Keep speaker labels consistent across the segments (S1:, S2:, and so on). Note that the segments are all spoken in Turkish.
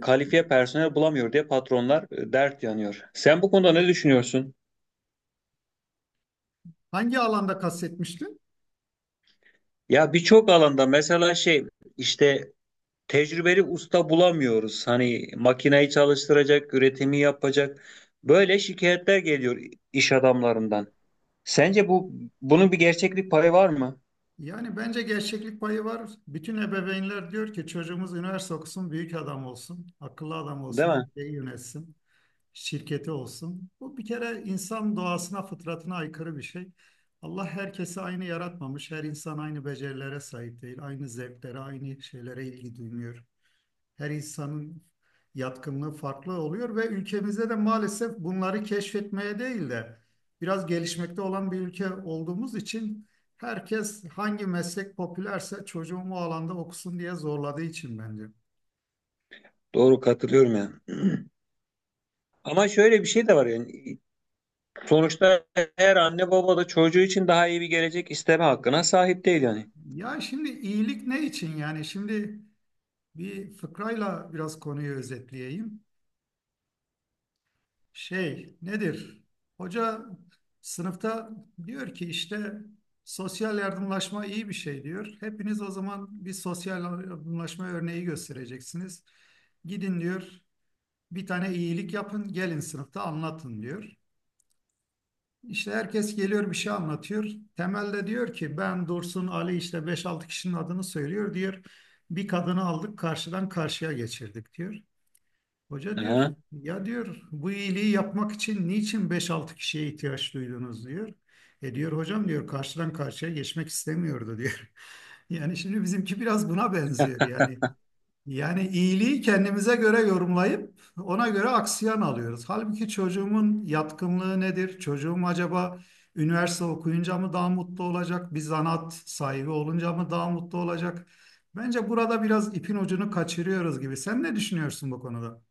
S1: Kalifiye personel bulamıyor diye patronlar dert yanıyor. Sen bu konuda ne düşünüyorsun?
S2: Hangi alanda kastetmiştin?
S1: Ya birçok alanda mesela işte tecrübeli usta bulamıyoruz. Hani makineyi çalıştıracak, üretimi yapacak. Böyle şikayetler geliyor iş adamlarından. Sence bu Bunun bir gerçeklik payı var mı?
S2: Yani bence gerçeklik payı var. Bütün ebeveynler diyor ki çocuğumuz üniversite okusun, büyük adam olsun, akıllı adam
S1: Değil
S2: olsun,
S1: mi?
S2: ülkeyi yönetsin, şirketi olsun. Bu bir kere insan doğasına, fıtratına aykırı bir şey. Allah herkesi aynı yaratmamış. Her insan aynı becerilere sahip değil, aynı zevklere, aynı şeylere ilgi duymuyor. Her insanın yatkınlığı farklı oluyor ve ülkemizde de maalesef bunları keşfetmeye değil de biraz gelişmekte olan bir ülke olduğumuz için herkes hangi meslek popülerse çocuğum o alanda okusun diye zorladığı için bence.
S1: Doğru, katılıyorum yani. Ama şöyle bir şey de var yani, sonuçta her anne baba da çocuğu için daha iyi bir gelecek isteme hakkına sahip değil yani.
S2: Ya şimdi iyilik ne için yani? Şimdi bir fıkrayla biraz konuyu özetleyeyim. Şey nedir? Hoca sınıfta diyor ki işte sosyal yardımlaşma iyi bir şey diyor. Hepiniz o zaman bir sosyal yardımlaşma örneği göstereceksiniz. Gidin diyor bir tane iyilik yapın gelin sınıfta anlatın diyor. İşte herkes geliyor bir şey anlatıyor. Temelde diyor ki ben Dursun Ali işte beş altı kişinin adını söylüyor diyor. Bir kadını aldık karşıdan karşıya geçirdik diyor. Hoca diyor
S1: Aha.
S2: ya diyor bu iyiliği yapmak için niçin beş altı kişiye ihtiyaç duydunuz diyor. E diyor hocam diyor karşıdan karşıya geçmek istemiyordu diyor. Yani şimdi bizimki biraz buna benziyor yani. Yani iyiliği kendimize göre yorumlayıp ona göre aksiyon alıyoruz. Halbuki çocuğumun yatkınlığı nedir? Çocuğum acaba üniversite okuyunca mı daha mutlu olacak? Bir zanaat sahibi olunca mı daha mutlu olacak? Bence burada biraz ipin ucunu kaçırıyoruz gibi. Sen ne düşünüyorsun bu konuda?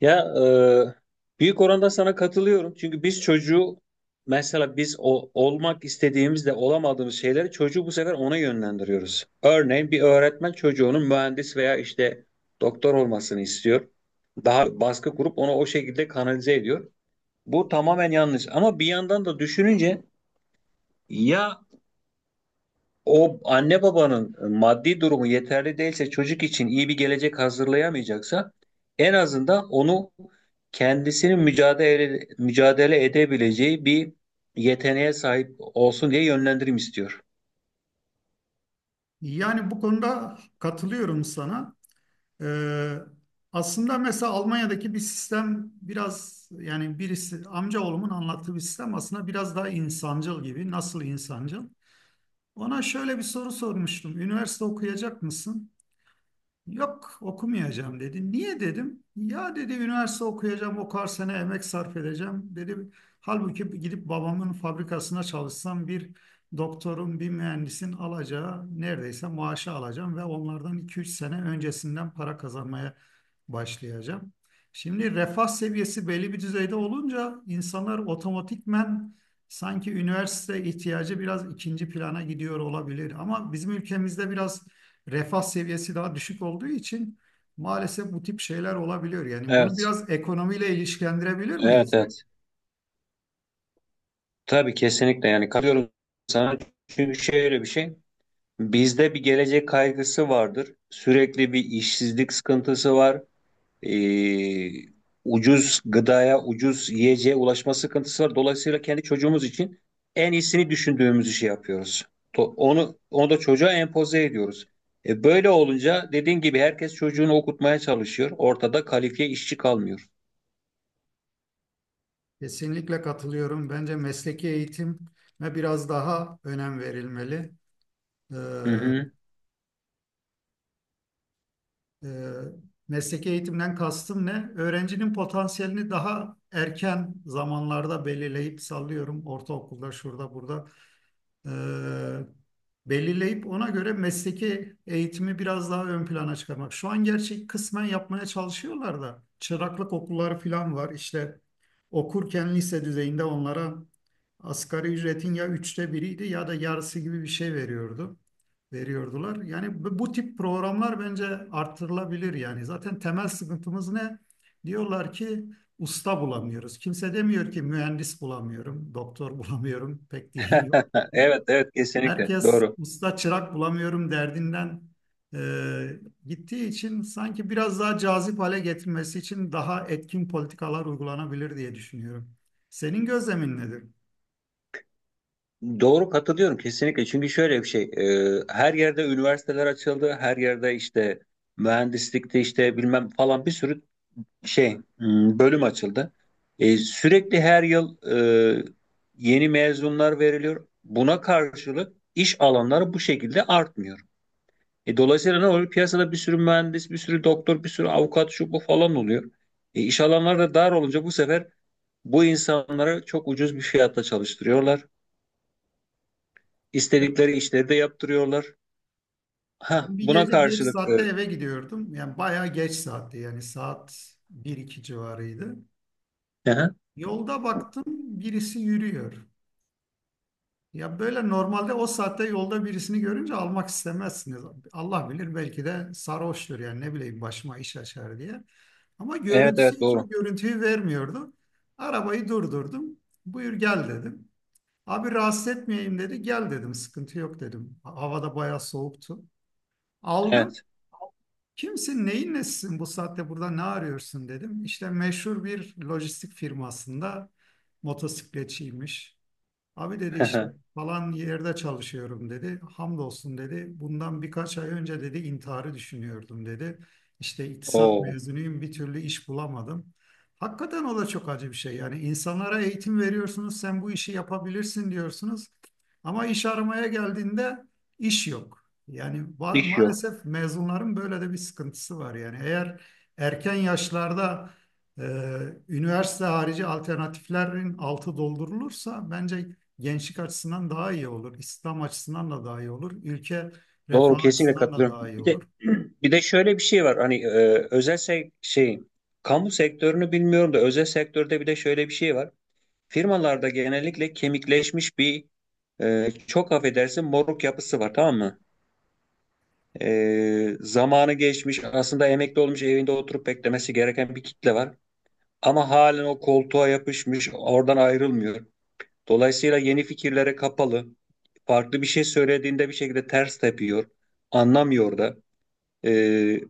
S1: Ya Büyük oranda sana katılıyorum. Çünkü biz çocuğu, mesela biz olmak istediğimizde olamadığımız şeyleri çocuğu bu sefer ona yönlendiriyoruz. Örneğin bir öğretmen çocuğunun mühendis veya işte doktor olmasını istiyor. Daha baskı kurup onu o şekilde kanalize ediyor. Bu tamamen yanlış. Ama bir yandan da düşününce, ya, o anne babanın maddi durumu yeterli değilse, çocuk için iyi bir gelecek hazırlayamayacaksa, en azından onu kendisinin mücadele edebileceği bir yeteneğe sahip olsun diye yönlendirim istiyor.
S2: Yani bu konuda katılıyorum sana. Ee, aslında mesela Almanya'daki bir sistem biraz yani birisi amcaoğlumun anlattığı bir sistem aslında biraz daha insancıl gibi. Nasıl insancıl? Ona şöyle bir soru sormuştum. Üniversite okuyacak mısın? Yok okumayacağım dedi. Niye dedim? Ya dedi üniversite okuyacağım o kadar sene emek sarf edeceğim. Dedim halbuki gidip babamın fabrikasına çalışsam bir doktorun bir mühendisin alacağı neredeyse maaşı alacağım ve onlardan iki üç sene öncesinden para kazanmaya başlayacağım. Şimdi refah seviyesi belli bir düzeyde olunca insanlar otomatikmen sanki üniversite ihtiyacı biraz ikinci plana gidiyor olabilir. Ama bizim ülkemizde biraz refah seviyesi daha düşük olduğu için maalesef bu tip şeyler olabiliyor. Yani bunu
S1: Evet,
S2: biraz ekonomiyle ilişkilendirebilir
S1: evet,
S2: miyiz?
S1: evet. Tabii, kesinlikle yani katılıyorum sana. Çünkü şöyle bir şey, bizde bir gelecek kaygısı vardır. Sürekli bir işsizlik sıkıntısı var. e, Ucuz gıdaya, ucuz yiyeceğe ulaşma sıkıntısı var. Dolayısıyla kendi çocuğumuz için en iyisini düşündüğümüz işi yapıyoruz. Onu da çocuğa empoze ediyoruz. Böyle olunca dediğin gibi herkes çocuğunu okutmaya çalışıyor. Ortada kalifiye işçi kalmıyor.
S2: Kesinlikle katılıyorum. Bence mesleki eğitime biraz daha önem verilmeli. Ee,
S1: Hı hı.
S2: e, mesleki eğitimden kastım ne? Öğrencinin potansiyelini daha erken zamanlarda belirleyip sallıyorum. Ortaokulda, şurada, burada e, belirleyip ona göre mesleki eğitimi biraz daha ön plana çıkarmak. Şu an gerçi kısmen yapmaya çalışıyorlar da çıraklık okulları falan var. İşte okurken lise düzeyinde onlara asgari ücretin ya üçte biriydi ya da yarısı gibi bir şey veriyordu. Veriyordular. Yani bu tip programlar bence artırılabilir yani. Zaten temel sıkıntımız ne? Diyorlar ki usta bulamıyoruz. Kimse demiyor ki mühendis bulamıyorum, doktor bulamıyorum pek diyen.
S1: Evet, evet, kesinlikle
S2: Herkes
S1: doğru.
S2: usta çırak bulamıyorum derdinden e, gittiği için sanki biraz daha cazip hale getirmesi için daha etkin politikalar uygulanabilir diye düşünüyorum. Senin gözlemin nedir?
S1: Doğru, katılıyorum kesinlikle. Çünkü şöyle bir şey, her yerde üniversiteler açıldı, her yerde işte mühendislikte işte bilmem falan bir sürü bölüm açıldı. Sürekli her yıl e, yeni mezunlar veriliyor. Buna karşılık iş alanları bu şekilde artmıyor. Dolayısıyla ne oluyor? Piyasada bir sürü mühendis, bir sürü doktor, bir sürü avukat şu bu falan oluyor. İş alanları da dar olunca bu sefer bu insanları çok ucuz bir fiyatta çalıştırıyorlar. İstedikleri işleri de yaptırıyorlar. Ha,
S2: Ben bir
S1: buna
S2: gece geç
S1: karşılık
S2: saatte eve gidiyordum. Yani bayağı geç saatti yani saat bir iki civarıydı.
S1: hı hı.
S2: Yolda baktım birisi yürüyor. Ya böyle normalde o saatte yolda birisini görünce almak istemezsiniz. Allah bilir belki de sarhoştur yani ne bileyim başıma iş açar diye. Ama
S1: Evet,
S2: görüntüsü
S1: evet,
S2: hiç
S1: doğru.
S2: o görüntüyü vermiyordu. Arabayı durdurdum. Buyur gel dedim. Abi rahatsız etmeyeyim dedi. Gel dedim sıkıntı yok dedim. Havada bayağı soğuktu. Aldım.
S1: Evet.
S2: Kimsin neyin nesisin bu saatte burada ne arıyorsun dedim. İşte meşhur bir lojistik firmasında motosikletçiymiş. Abi dedi işte falan yerde çalışıyorum dedi. Hamdolsun dedi. Bundan birkaç ay önce dedi intiharı düşünüyordum dedi. İşte iktisat
S1: Oo,
S2: mezunuyum bir türlü iş bulamadım. Hakikaten o da çok acı bir şey. Yani insanlara eğitim veriyorsunuz sen bu işi yapabilirsin diyorsunuz. Ama iş aramaya geldiğinde iş yok. Yani
S1: iş yok.
S2: maalesef mezunların böyle de bir sıkıntısı var. Yani eğer erken yaşlarda e, üniversite harici alternatiflerin altı doldurulursa bence gençlik açısından daha iyi olur. İslam açısından da daha iyi olur. Ülke
S1: Doğru,
S2: refah
S1: kesinlikle
S2: açısından da daha
S1: katılıyorum.
S2: iyi
S1: Bir
S2: olur.
S1: de bir de şöyle bir şey var. Hani e, özel sek- şey kamu sektörünü bilmiyorum da özel sektörde bir de şöyle bir şey var. Firmalarda genellikle kemikleşmiş bir, çok affedersin, moruk yapısı var, tamam mı? Zamanı geçmiş, aslında emekli olmuş, evinde oturup beklemesi gereken bir kitle var. Ama halen o koltuğa yapışmış, oradan ayrılmıyor. Dolayısıyla yeni fikirlere kapalı. Farklı bir şey söylediğinde bir şekilde ters tepiyor. Anlamıyor da e,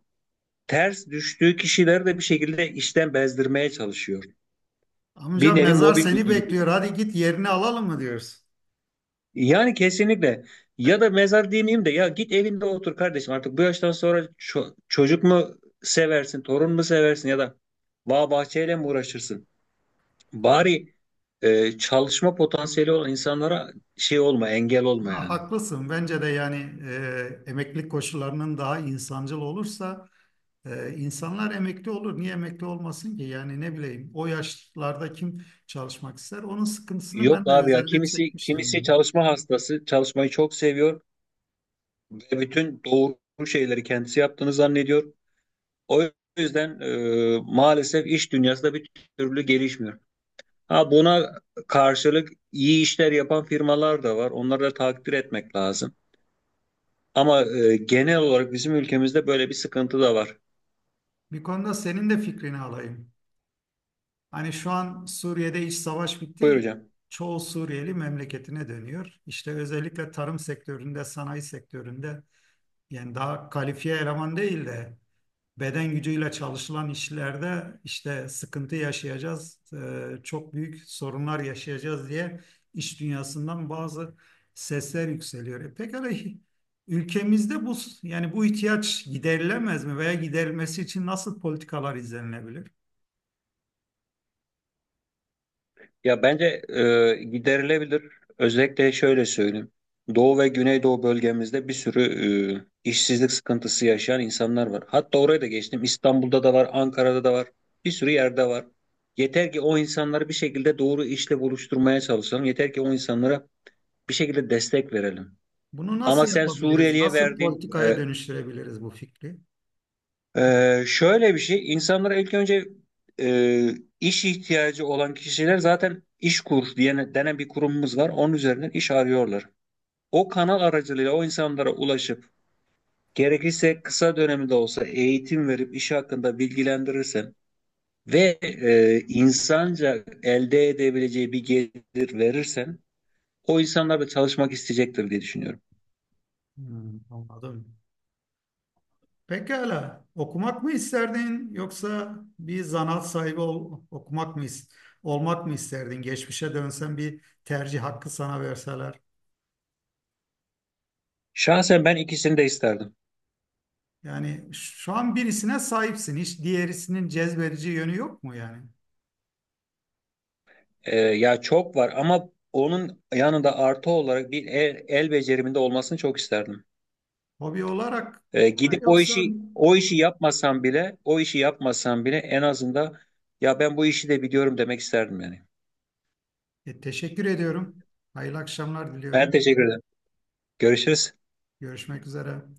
S1: ters düştüğü kişileri de bir şekilde işten bezdirmeye çalışıyor. Bir
S2: Amca
S1: nevi
S2: mezar
S1: mobbing
S2: seni
S1: uyguluyor.
S2: bekliyor. Hadi git yerini alalım mı diyoruz.
S1: Yani kesinlikle, ya da mezar demeyeyim de, ya git evinde otur kardeşim, artık bu yaştan sonra çocuk mu seversin, torun mu seversin, ya da bağ bahçeyle mi uğraşırsın? Bari çalışma potansiyeli olan insanlara şey olma, engel olma
S2: Ha,
S1: yani.
S2: haklısın. Bence de yani emeklilik koşullarının daha insancıl olursa insanlar emekli olur. Niye emekli olmasın ki? Yani ne bileyim o yaşlarda kim çalışmak ister? Onun sıkıntısını
S1: Yok
S2: ben de
S1: abi ya,
S2: özelde
S1: kimisi
S2: çekmiştim
S1: kimisi
S2: yani.
S1: çalışma hastası, çalışmayı çok seviyor ve bütün doğru şeyleri kendisi yaptığını zannediyor. O yüzden maalesef iş dünyası da bir türlü gelişmiyor. Ha, buna karşılık iyi işler yapan firmalar da var. Onları da takdir etmek lazım. Ama genel olarak bizim ülkemizde böyle bir sıkıntı da var.
S2: Bir konuda senin de fikrini alayım. Hani şu an Suriye'de iç savaş
S1: Buyur
S2: bitti.
S1: hocam.
S2: Çoğu Suriyeli memleketine dönüyor. İşte özellikle tarım sektöründe, sanayi sektöründe yani daha kalifiye eleman değil de beden gücüyle çalışılan işlerde işte sıkıntı yaşayacağız, çok büyük sorunlar yaşayacağız diye iş dünyasından bazı sesler yükseliyor. E pekala ülkemizde bu yani bu ihtiyaç giderilemez mi veya giderilmesi için nasıl politikalar izlenilebilir?
S1: Ya bence giderilebilir. Özellikle şöyle söyleyeyim. Doğu ve Güneydoğu bölgemizde bir sürü işsizlik sıkıntısı yaşayan insanlar var. Hatta oraya da geçtim. İstanbul'da da var, Ankara'da da var. Bir sürü yerde var. Yeter ki o insanları bir şekilde doğru işle buluşturmaya çalışalım. Yeter ki o insanlara bir şekilde destek verelim.
S2: Bunu nasıl
S1: Ama sen
S2: yapabiliriz?
S1: Suriyeli'ye
S2: Nasıl
S1: verdiğin
S2: politikaya dönüştürebiliriz bu fikri?
S1: Şöyle bir şey, insanlara ilk önce e, iş ihtiyacı olan kişiler zaten İşkur diye denen bir kurumumuz var. Onun üzerinden iş arıyorlar. O kanal aracılığıyla o insanlara ulaşıp gerekirse kısa dönemde olsa eğitim verip iş hakkında bilgilendirirsen ve insanca elde edebileceği bir gelir verirsen o insanlar da çalışmak isteyecektir diye düşünüyorum.
S2: Hmm, anladım. Pekala. Okumak mı isterdin yoksa bir zanaat sahibi okumak mı olmak mı isterdin? Geçmişe dönsen bir tercih hakkı sana verseler.
S1: Şahsen ben ikisini de isterdim.
S2: Yani şu an birisine sahipsin. Hiç diğerisinin cezbedici yönü yok mu yani?
S1: Ya çok var, ama onun yanında artı olarak bir el becerimin olmasını çok isterdim.
S2: Hobi olarak mı
S1: Gidip o
S2: yoksa
S1: işi o işi yapmasam bile, o işi yapmasam bile, en azından ya ben bu işi de biliyorum demek isterdim yani.
S2: E, teşekkür ediyorum. Hayırlı akşamlar
S1: Ben
S2: diliyorum.
S1: teşekkür ederim. Görüşürüz.
S2: Görüşmek üzere.